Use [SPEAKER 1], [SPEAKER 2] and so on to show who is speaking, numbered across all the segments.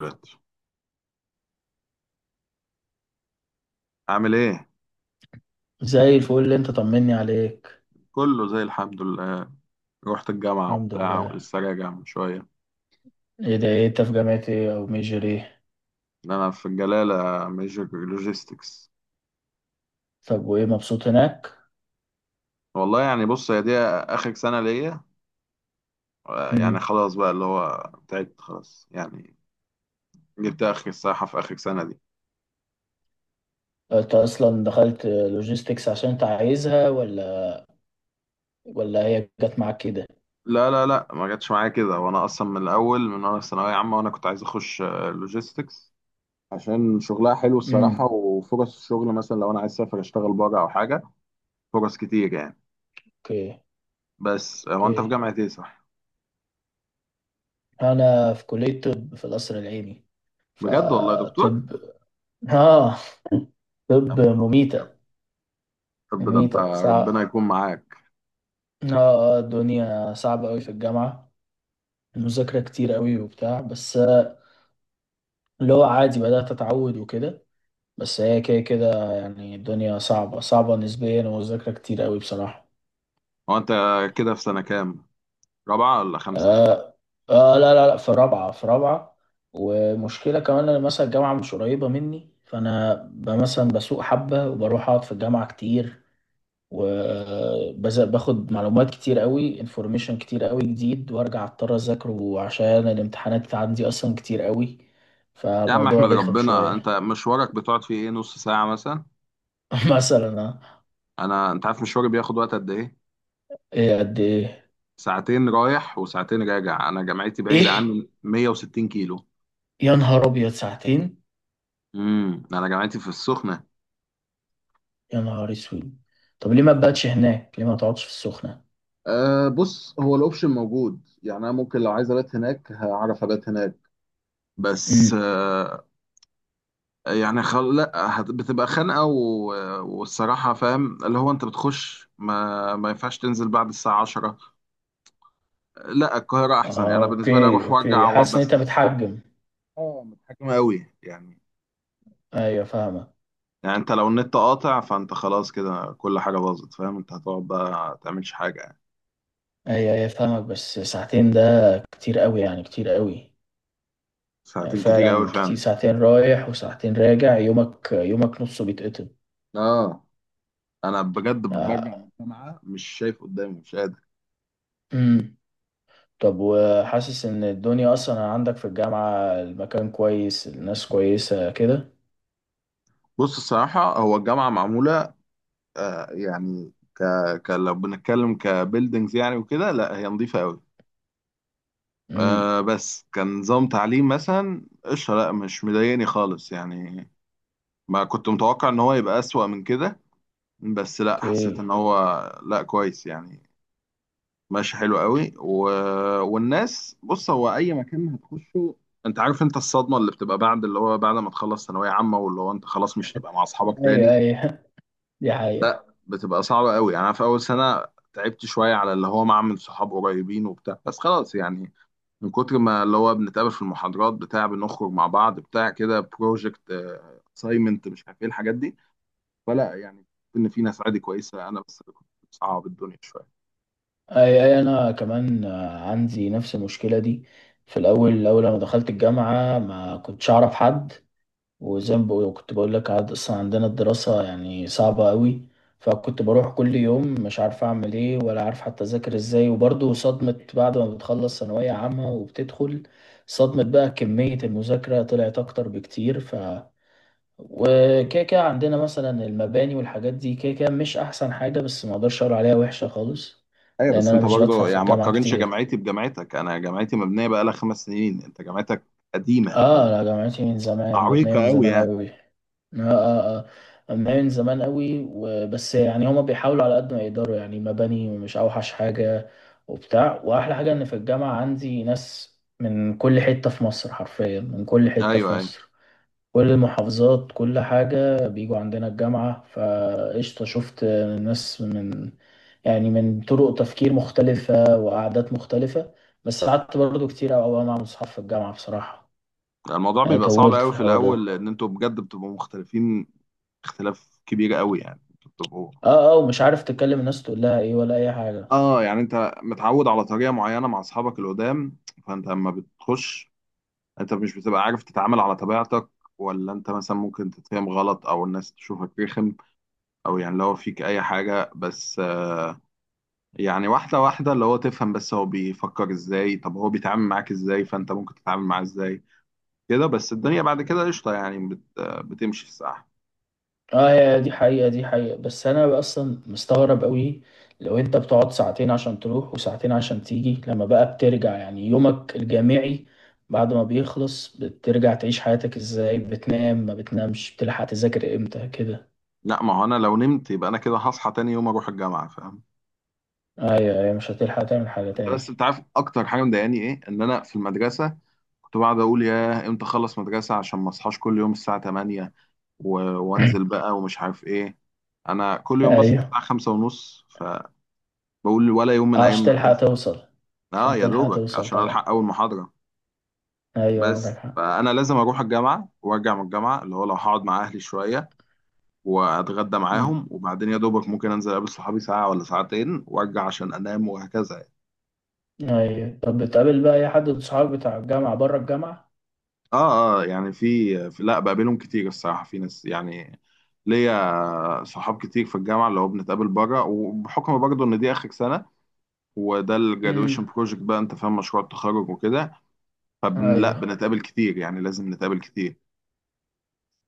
[SPEAKER 1] دلوقتي عامل ايه؟
[SPEAKER 2] زي الفل اللي انت طمني عليك.
[SPEAKER 1] كله زي الحمد لله. رحت الجامعة
[SPEAKER 2] الحمد
[SPEAKER 1] وبتاع
[SPEAKER 2] لله.
[SPEAKER 1] ولسه راجع من شوية.
[SPEAKER 2] ايه انت في جامعة ايه، او ميجر ايه؟
[SPEAKER 1] انا في الجلالة، ميجر لوجيستكس.
[SPEAKER 2] طب وايه، مبسوط هناك؟
[SPEAKER 1] والله يعني بص، هي دي اخر سنة ليا. يعني
[SPEAKER 2] مم.
[SPEAKER 1] خلاص بقى، اللي هو تعبت خلاص يعني. جبت اخر الصراحة في اخر سنة دي.
[SPEAKER 2] انت اصلا دخلت لوجيستكس عشان انت عايزها، ولا هي جت معاك كده؟
[SPEAKER 1] لا ما جاتش معايا كده، وانا اصلا من الاول، من وانا في ثانوية عامة وانا كنت عايز اخش لوجيستكس عشان شغلها حلو الصراحة،
[SPEAKER 2] امم.
[SPEAKER 1] وفرص الشغل مثلا لو انا عايز اسافر اشتغل بره او حاجة. فرص كتير يعني.
[SPEAKER 2] اوكي.
[SPEAKER 1] بس هو انت في
[SPEAKER 2] اوكي،
[SPEAKER 1] جامعة ايه صح؟
[SPEAKER 2] انا في كلية طب في القصر العيني،
[SPEAKER 1] بجد والله يا دكتور.
[SPEAKER 2] فطب. اه. طب مميتة.
[SPEAKER 1] طب ده انت،
[SPEAKER 2] مميتة
[SPEAKER 1] ربنا
[SPEAKER 2] صعب.
[SPEAKER 1] يكون معاك.
[SPEAKER 2] اه، الدنيا صعبة قوي في الجامعة، المذاكرة كتير قوي وبتاع. بس اللي هو عادي بدأت اتعود وكده. بس هي كده كده يعني الدنيا صعبة صعبة نسبيا، ومذاكرة كتير قوي بصراحة.
[SPEAKER 1] هو انت كده في سنة كام، رابعة ولا خمسة؟
[SPEAKER 2] آه آه. لا لا لا، في رابعة. ومشكلة كمان أنا مثلا الجامعة مش قريبة مني، فأنا مثلا بسوق حبة وبروح أقعد في الجامعة كتير، وباخد معلومات كتير قوي، انفورميشن كتير قوي جديد، وارجع اضطر اذاكره عشان الامتحانات عندي اصلا كتير قوي.
[SPEAKER 1] يا عم
[SPEAKER 2] فموضوع
[SPEAKER 1] احمد،
[SPEAKER 2] رخم
[SPEAKER 1] ربنا، انت
[SPEAKER 2] شوية.
[SPEAKER 1] مشوارك بتقعد فيه ايه، نص ساعة مثلا؟
[SPEAKER 2] مثلا آه.
[SPEAKER 1] انا انت عارف مشواري بياخد وقت قد ايه؟
[SPEAKER 2] ايه قد ايه؟
[SPEAKER 1] ساعتين رايح وساعتين راجع. انا جامعتي بعيدة
[SPEAKER 2] ايه؟
[SPEAKER 1] عني 160 كيلو.
[SPEAKER 2] يا نهار ابيض، ساعتين!
[SPEAKER 1] امم، انا جامعتي في السخنة.
[SPEAKER 2] يا نهار اسود. طب ليه ما تباتش هناك، ليه ما تقعدش في السخنة؟
[SPEAKER 1] أه بص، هو الاوبشن موجود يعني، انا ممكن لو عايز ابات هناك هعرف ابات هناك. بس
[SPEAKER 2] امم.
[SPEAKER 1] يعني خل... لا هت... بتبقى خانقه والصراحه فاهم اللي هو انت بتخش، ما ينفعش تنزل بعد الساعه 10. لا القاهره احسن يعني،
[SPEAKER 2] اه،
[SPEAKER 1] انا بالنسبه لي
[SPEAKER 2] اوكي
[SPEAKER 1] اروح
[SPEAKER 2] اوكي،
[SPEAKER 1] وارجع واقعد
[SPEAKER 2] حاسس ان انت
[SPEAKER 1] بس.
[SPEAKER 2] بتحجم.
[SPEAKER 1] اه متحكمه قوي يعني.
[SPEAKER 2] ايوه فاهمك.
[SPEAKER 1] يعني انت لو النت قاطع، فانت خلاص كده كل حاجه باظت، فاهم؟ انت هتقعد بقى ما تعملش حاجه يعني.
[SPEAKER 2] ايوه ايوه فاهمك، بس ساعتين ده كتير قوي يعني، كتير قوي. آه،
[SPEAKER 1] ساعتين كتير قوي
[SPEAKER 2] فعلا كتير،
[SPEAKER 1] فعلا.
[SPEAKER 2] ساعتين رايح وساعتين راجع، يومك يومك نصه بيتقطع.
[SPEAKER 1] اه انا بجد برجع من
[SPEAKER 2] آه.
[SPEAKER 1] الجامعه مش شايف قدامي، مش قادر.
[SPEAKER 2] امم. طب وحاسس ان الدنيا اصلا عندك في الجامعة، المكان كويس، الناس كويسة كده؟
[SPEAKER 1] بص الصراحه هو الجامعه معموله، آه يعني ك... لو بنتكلم كبيلدينجز يعني وكده، لا هي نظيفة قوي.
[SPEAKER 2] امم.
[SPEAKER 1] بس كنظام تعليم مثلا قشطة، لا مش مضايقني خالص يعني. ما كنت متوقع ان هو يبقى أسوأ من كده، بس لا حسيت ان
[SPEAKER 2] اوكي.
[SPEAKER 1] هو لا كويس يعني، ماشي حلو قوي والناس بص، هو اي مكان هتخشه، انت عارف انت الصدمة اللي بتبقى بعد اللي هو بعد ما تخلص ثانوية عامة، واللي هو انت خلاص مش هتبقى مع اصحابك
[SPEAKER 2] ايوه
[SPEAKER 1] تاني.
[SPEAKER 2] ايوه. دي حقيقة.
[SPEAKER 1] لا بتبقى صعبة قوي يعني. أنا في أول سنة تعبت شوية على اللي هو معمل صحاب قريبين وبتاع، بس خلاص يعني من كتر ما اللي هو بنتقابل في المحاضرات بتاع بنخرج مع بعض بتاع كده، بروجكت، أسايمنت، مش عارف إيه الحاجات دي. فلا يعني، إن في ناس عادي كويسة، أنا بس اللي كنت بصعب الدنيا شوية.
[SPEAKER 2] اي اي، انا كمان عندي نفس المشكله دي. في الاول اول لما دخلت الجامعه ما كنتش اعرف حد، وزي ما بقول- كنت بقول لك عاد اصلا عندنا الدراسه يعني صعبه قوي. فكنت بروح كل يوم مش عارف اعمل ايه، ولا عارف حتى اذاكر ازاي. وبرضه صدمه بعد ما بتخلص ثانويه عامه وبتدخل، صدمه بقى كميه المذاكره طلعت اكتر بكتير. وكده كده عندنا مثلا المباني والحاجات دي كده كده مش احسن حاجة، بس ما اقدرش اقول عليها وحشة خالص.
[SPEAKER 1] أيوة
[SPEAKER 2] لان
[SPEAKER 1] بس
[SPEAKER 2] انا
[SPEAKER 1] أنت
[SPEAKER 2] مش بدفع
[SPEAKER 1] برضه
[SPEAKER 2] في
[SPEAKER 1] يعني ما
[SPEAKER 2] الجامعة
[SPEAKER 1] تقارنش
[SPEAKER 2] كتير.
[SPEAKER 1] جامعتي بجامعتك. أنا جامعتي مبنية بقالها خمس سنين، أنت جامعتك قديمة،
[SPEAKER 2] اه لا،
[SPEAKER 1] جامعتك
[SPEAKER 2] جامعتي من زمان، مبنية
[SPEAKER 1] عريقة
[SPEAKER 2] من
[SPEAKER 1] قوي
[SPEAKER 2] زمان
[SPEAKER 1] يعني.
[SPEAKER 2] قوي. اه اه. اه، مبنية من زمان قوي، وبس يعني هما بيحاولوا على قد ما يقدروا، يعني مباني مش اوحش حاجة وبتاع. واحلى حاجة ان في الجامعة عندي ناس من كل حتة في مصر، حرفيا من كل
[SPEAKER 1] أيوة
[SPEAKER 2] حتة في
[SPEAKER 1] أيوة.
[SPEAKER 2] مصر، كل المحافظات، كل حاجة بيجوا عندنا الجامعة، فقشطة. شفت ناس من يعني من طرق تفكير مختلفة وقعدات مختلفة. بس قعدت برضو كتير أوي أوي مع أصحاب في الجامعة بصراحة،
[SPEAKER 1] الموضوع
[SPEAKER 2] يعني
[SPEAKER 1] بيبقى صعب
[SPEAKER 2] طولت
[SPEAKER 1] قوي
[SPEAKER 2] في
[SPEAKER 1] في
[SPEAKER 2] الحوار
[SPEAKER 1] الأول،
[SPEAKER 2] ده.
[SPEAKER 1] لأن أنتوا بجد بتبقوا مختلفين، اختلاف كبير قوي يعني. انتوا بتبقوا،
[SPEAKER 2] اه اه، ومش عارف تتكلم الناس تقول لها ايه ولا أي حاجة.
[SPEAKER 1] اه يعني انت متعود على طريقه معينه مع اصحابك القدام، فانت لما بتخش انت مش بتبقى عارف تتعامل على طبيعتك، ولا انت مثلا ممكن تتفهم غلط او الناس تشوفك رخم او يعني لو فيك اي حاجه. بس يعني واحده واحده اللي هو تفهم بس هو بيفكر ازاي، طب هو بيتعامل معاك ازاي، فانت ممكن تتعامل معاه ازاي. كده بس الدنيا بعد كده قشطه يعني، بت... آه، بتمشي في الساعه.
[SPEAKER 2] اه، هي دي حقيقة، دي حقيقة. بس انا اصلا مستغرب قوي، لو انت بتقعد ساعتين عشان تروح وساعتين عشان تيجي، لما بقى بترجع يعني يومك الجامعي بعد ما بيخلص بترجع تعيش حياتك ازاي؟ بتنام، ما بتنامش، بتلحق تذاكر امتى كده؟
[SPEAKER 1] لا ما هو انا لو نمت يبقى انا كده هصحى تاني يوم اروح الجامعه، فاهم؟
[SPEAKER 2] ايوه ايوه، مش هتلحق تعمل حاجة
[SPEAKER 1] بس
[SPEAKER 2] تاني.
[SPEAKER 1] انت عارف اكتر حاجه مضايقاني ايه؟ ان انا في المدرسه كنت بقعد اقول يا امتى اخلص مدرسه عشان ما اصحاش كل يوم الساعه 8 وانزل بقى ومش عارف ايه. انا كل يوم بصحى
[SPEAKER 2] ايوه،
[SPEAKER 1] الساعه 5 ونص، فبقول ولا يوم من
[SPEAKER 2] آه،
[SPEAKER 1] ايام
[SPEAKER 2] عشان تلحق
[SPEAKER 1] المدرسه.
[SPEAKER 2] توصل،
[SPEAKER 1] اه
[SPEAKER 2] عشان
[SPEAKER 1] يا
[SPEAKER 2] تلحق
[SPEAKER 1] دوبك
[SPEAKER 2] توصل
[SPEAKER 1] عشان
[SPEAKER 2] طبعا.
[SPEAKER 1] الحق اول محاضره.
[SPEAKER 2] ايوه عندك
[SPEAKER 1] بس
[SPEAKER 2] حق.
[SPEAKER 1] فانا لازم اروح الجامعه وارجع من الجامعه، اللي هو لو هقعد مع اهلي شويه واتغدى
[SPEAKER 2] امم.
[SPEAKER 1] معاهم وبعدين يا دوبك ممكن انزل اقابل صحابي ساعه ولا ساعتين وارجع عشان انام، وهكذا.
[SPEAKER 2] ايوه. طب بتقابل بقى اي حد من صحابك بتاع الجامعة بره الجامعة؟
[SPEAKER 1] اه اه يعني في لا بقابلهم كتير الصراحة، في ناس يعني ليا صحاب كتير في الجامعة اللي هو بنتقابل بره، وبحكم برضه ان دي اخر سنة وده الجرادويشن
[SPEAKER 2] امم.
[SPEAKER 1] بروجكت بقى، انت فاهم، مشروع التخرج وكده، فبن لا
[SPEAKER 2] ايوه.
[SPEAKER 1] بنتقابل كتير يعني، لازم نتقابل كتير.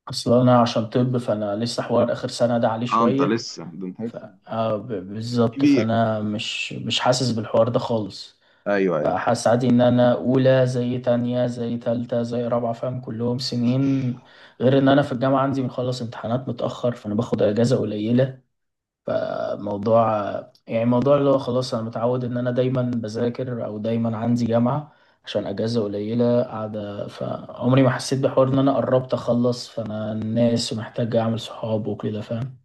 [SPEAKER 2] اصل انا عشان طب فانا لسه حوار اخر سنه ده عليه
[SPEAKER 1] اه انت
[SPEAKER 2] شويه.
[SPEAKER 1] لسه، ده انت
[SPEAKER 2] ف
[SPEAKER 1] لسه
[SPEAKER 2] آه ب- بالظبط،
[SPEAKER 1] كبير.
[SPEAKER 2] فانا مش حاسس بالحوار ده خالص.
[SPEAKER 1] ايوه ايوه.
[SPEAKER 2] فحاسس عادي ان انا اولى زي تانية زي تالتة زي رابعة، فاهم، كلهم سنين. غير ان انا في الجامعة عندي بنخلص امتحانات متأخر، فانا باخد اجازة قليلة. فموضوع يعني موضوع اللي هو خلاص، انا متعود ان انا دايما بذاكر، او دايما عندي جامعة، عشان اجازة قليلة قاعدة. فعمري ما حسيت بحوار ان انا قربت اخلص، فانا الناس ومحتاج اعمل صحاب وكده، فاهم.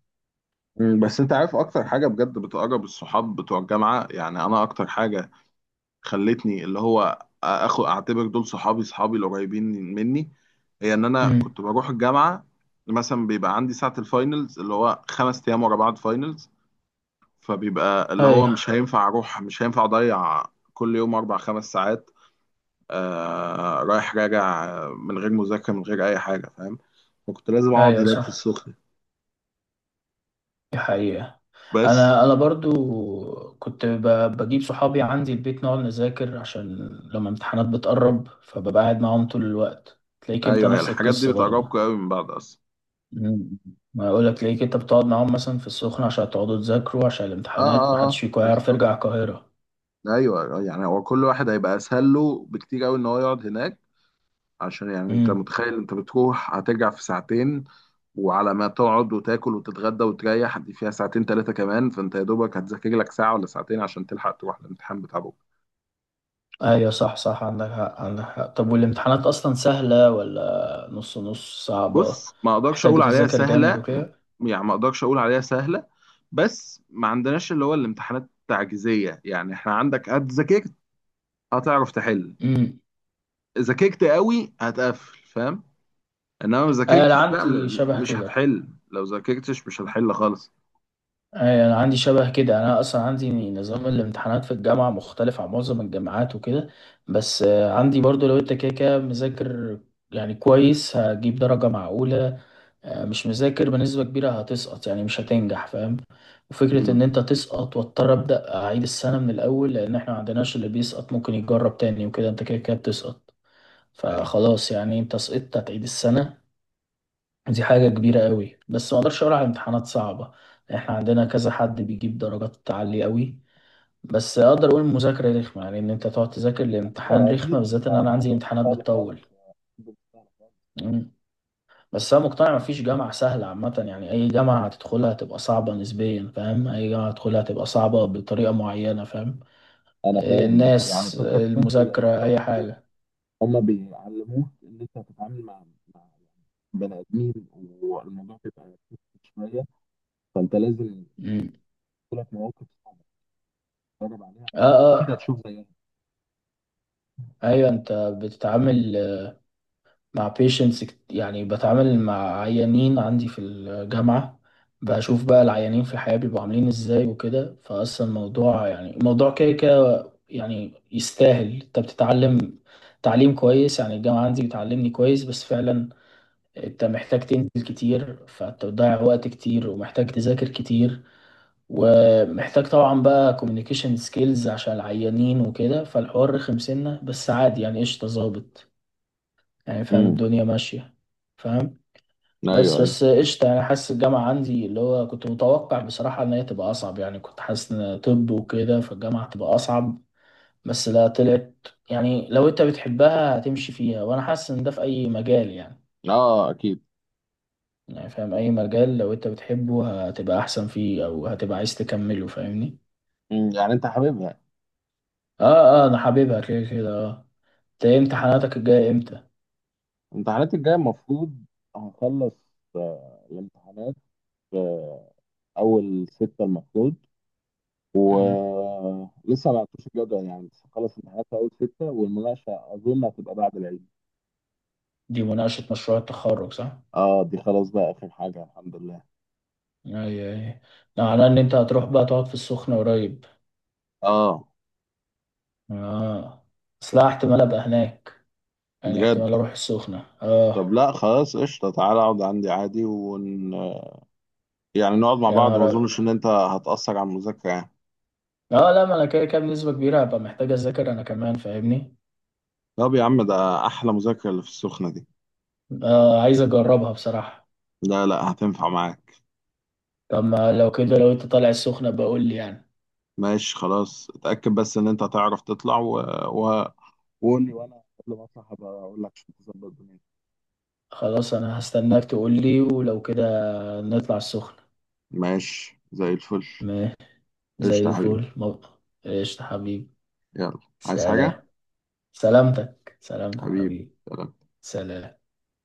[SPEAKER 1] أمم، بس انت عارف اكتر حاجة بجد بتقرب الصحاب بتوع الجامعة؟ يعني انا اكتر حاجة خلتني اللي هو اخو اعتبر دول صحابي، صحابي القريبين مني، هي ان انا
[SPEAKER 2] امم.
[SPEAKER 1] كنت بروح الجامعه مثلا، بيبقى عندي ساعه الفاينلز اللي هو خمس ايام ورا بعض فاينلز، فبيبقى اللي هو
[SPEAKER 2] ايوه
[SPEAKER 1] مش هينفع اروح مش هينفع اضيع كل يوم اربع خمس ساعات رايح راجع من غير مذاكره من غير اي حاجه، فاهم؟ فكنت لازم اقعد
[SPEAKER 2] ايوه
[SPEAKER 1] هناك في
[SPEAKER 2] صح،
[SPEAKER 1] السخنه.
[SPEAKER 2] دي حقيقة.
[SPEAKER 1] بس
[SPEAKER 2] انا برضو كنت بجيب صحابي عندي البيت نقعد نذاكر، عشان لما امتحانات بتقرب فببقى قاعد معاهم طول الوقت، تلاقيك انت
[SPEAKER 1] ايوه، هي
[SPEAKER 2] نفس
[SPEAKER 1] الحاجات دي
[SPEAKER 2] القصة برضو.
[SPEAKER 1] بتقربكم قوي من بعض اصلا.
[SPEAKER 2] مم. ما اقول لك ليك، انت بتقعد معاهم مثلا في السخنة عشان تقعدوا تذاكروا عشان
[SPEAKER 1] اه
[SPEAKER 2] الامتحانات،
[SPEAKER 1] اه
[SPEAKER 2] محدش
[SPEAKER 1] اه
[SPEAKER 2] فيكم هيعرف
[SPEAKER 1] بالظبط.
[SPEAKER 2] يرجع القاهرة.
[SPEAKER 1] ايوه يعني هو كل واحد هيبقى اسهل له بكتير قوي ان هو يقعد هناك، عشان يعني انت
[SPEAKER 2] امم.
[SPEAKER 1] متخيل، انت بتروح هترجع في ساعتين، وعلى ما تقعد وتاكل وتتغدى وتريح دي فيها ساعتين ثلاثه كمان، فانت يا دوبك هتذاكر لك ساعه ولا ساعتين عشان تلحق تروح الامتحان بتاع بكره.
[SPEAKER 2] ايوه صح صح، عندك حق، عندك حق. طب والامتحانات اصلا سهلة ولا نص نص صعبة،
[SPEAKER 1] بص ما اقدرش
[SPEAKER 2] محتاج
[SPEAKER 1] اقول عليها
[SPEAKER 2] تذاكر
[SPEAKER 1] سهله،
[SPEAKER 2] جامد وكده؟
[SPEAKER 1] يعني ما اقدرش اقول عليها سهله، بس ما عندناش اللي هو الامتحانات التعجيزيه يعني. احنا عندك هتذاكرت هتعرف تحل،
[SPEAKER 2] امم.
[SPEAKER 1] ذاكرت قوي هتقفل، فاهم؟ انما ما
[SPEAKER 2] انا
[SPEAKER 1] ذاكرتش لا
[SPEAKER 2] عندي شبه
[SPEAKER 1] مش
[SPEAKER 2] كده.
[SPEAKER 1] هتحل، لو ذاكرتش مش هتحل خالص.
[SPEAKER 2] أي، أنا عندي شبه كده، أنا أصلا عندي نظام الامتحانات في الجامعة مختلف عن معظم الجامعات وكده. بس عندي برضو لو أنت كده كده مذاكر يعني كويس، هجيب درجة معقولة. مش مذاكر بنسبة كبيرة، هتسقط يعني، مش هتنجح فاهم. وفكرة إن
[SPEAKER 1] مم.
[SPEAKER 2] أنت تسقط واضطر أبدأ أعيد السنة من الأول، لأن إحنا معندناش اللي بيسقط ممكن يتجرب تاني وكده، أنت كده كده بتسقط.
[SPEAKER 1] ايوه.
[SPEAKER 2] فخلاص يعني أنت سقطت، هتعيد السنة. دي حاجة كبيرة قوي. بس ما اقدرش اقول على امتحانات صعبة، احنا عندنا كذا حد بيجيب درجات عالية قوي. بس اقدر اقول المذاكرة رخمة، يعني ان انت تقعد تذاكر
[SPEAKER 1] اه
[SPEAKER 2] الامتحان رخمة،
[SPEAKER 1] اكيد، انت
[SPEAKER 2] بالذات ان انا عندي
[SPEAKER 1] الموضوع مش
[SPEAKER 2] امتحانات
[SPEAKER 1] سهل
[SPEAKER 2] بتطول.
[SPEAKER 1] خالص، الموضوع مش سهل خالص.
[SPEAKER 2] مم. بس انا مقتنع مفيش جامعة سهلة عامة، يعني اي جامعة هتدخلها هتبقى صعبة نسبيا، فاهم، اي جامعة هتدخلها هتبقى صعبة بطريقة معينة فاهم.
[SPEAKER 1] انا فاهم بس يعني
[SPEAKER 2] الناس
[SPEAKER 1] فكره. طب لان انت
[SPEAKER 2] المذاكرة اي
[SPEAKER 1] برضه،
[SPEAKER 2] حاجة.
[SPEAKER 1] هم بيعلموك ان انت هتتعامل مع، يعني بني ادمين، والموضوع بيبقى كتير شويه، فانت لازم
[SPEAKER 2] مم.
[SPEAKER 1] تجيلك مواقف صعبه تتفرج عليها،
[SPEAKER 2] اه
[SPEAKER 1] اكيد
[SPEAKER 2] اه.
[SPEAKER 1] هتشوف زيها.
[SPEAKER 2] ايوه، انت بتتعامل مع patients يعني بتعامل مع عيانين، عندي في الجامعة بشوف بقى العيانين في الحياة بيبقوا عاملين ازاي وكده، فأصلا الموضوع يعني الموضوع كده كده يعني يستاهل، انت بتتعلم تعليم كويس، يعني الجامعة عندي بتعلمني كويس، بس فعلا انت محتاج تنزل كتير، فانت بتضيع وقت كتير، ومحتاج تذاكر كتير، ومحتاج طبعا بقى communication skills عشان العيانين وكده، فالحوار رخم سنة بس عادي يعني قشطة ظابط يعني، فاهم
[SPEAKER 1] امم.
[SPEAKER 2] الدنيا ماشية. فاهم.
[SPEAKER 1] ايوه
[SPEAKER 2] بس
[SPEAKER 1] ايوه.
[SPEAKER 2] بس قشطة يعني، حاسس الجامعة عندي اللي هو كنت متوقع بصراحة إن هي تبقى أصعب، يعني كنت حاسس إن طب وكده فالجامعة تبقى أصعب، بس لا طلعت، يعني لو أنت بتحبها هتمشي فيها. وأنا حاسس إن ده في أي مجال يعني،
[SPEAKER 1] اه اكيد.
[SPEAKER 2] يعني فاهم أي مجال لو أنت بتحبه هتبقى أحسن فيه، أو هتبقى عايز تكمله فاهمني.
[SPEAKER 1] مم. يعني انت حاببها؟
[SPEAKER 2] آه آه، أنا حاببها كده كده آه. أنت إيه امتحاناتك الجاية إمتى؟
[SPEAKER 1] الامتحانات الجاية المفروض هخلص، الامتحانات آه، أول ستة المفروض،
[SPEAKER 2] مم.
[SPEAKER 1] ولسه ما عرفتوش الجدول يعني. بس هخلص الامتحانات في أول ستة، والمناقشة أظن هتبقى بعد العيد.
[SPEAKER 2] دي مناقشة مشروع التخرج، صح؟
[SPEAKER 1] اه دي خلاص بقى آخر حاجة، الحمد لله.
[SPEAKER 2] أيوه. أيوه، ده معناه إن أنت هتروح بقى تقعد في السخنة قريب.
[SPEAKER 1] اه
[SPEAKER 2] اه. اصل احتمال ابقى هناك، يعني احتمال
[SPEAKER 1] بجد؟
[SPEAKER 2] اروح السخنة،
[SPEAKER 1] طب
[SPEAKER 2] اه.
[SPEAKER 1] لا خلاص قشطة، تعالى اقعد عندي عادي يعني نقعد مع
[SPEAKER 2] يا
[SPEAKER 1] بعض،
[SPEAKER 2] نهار
[SPEAKER 1] ما
[SPEAKER 2] ابيض.
[SPEAKER 1] اظنش ان انت هتأثر على المذاكرة يعني.
[SPEAKER 2] اه لا، ما انا كده كده بنسبة كبيرة هبقى محتاج اذاكر انا كمان فاهمني.
[SPEAKER 1] طب يا عم ده احلى مذاكرة اللي في السخنة دي،
[SPEAKER 2] اه، عايز اجربها بصراحة.
[SPEAKER 1] لا لا هتنفع معاك.
[SPEAKER 2] طب ما لو كده، لو انت طالع السخنة بقول لي يعني.
[SPEAKER 1] ماشي خلاص، اتأكد بس ان انت هتعرف تطلع و... وقول لي، وانا قبل ما اطلع هبقى اقول لك عشان تظبط دنيتك.
[SPEAKER 2] خلاص، انا هستناك تقول لي، ولو كده نطلع السخنة.
[SPEAKER 1] ماشي زي الفل.
[SPEAKER 2] ما
[SPEAKER 1] قشطة
[SPEAKER 2] زي
[SPEAKER 1] يا حبيبي.
[SPEAKER 2] الفل مبقى. قشطة حبيبي.
[SPEAKER 1] يلا. عايز
[SPEAKER 2] سلام.
[SPEAKER 1] حاجة
[SPEAKER 2] سلامتك سلامتك
[SPEAKER 1] حبيبي؟
[SPEAKER 2] حبيبي.
[SPEAKER 1] سلام.
[SPEAKER 2] سلام.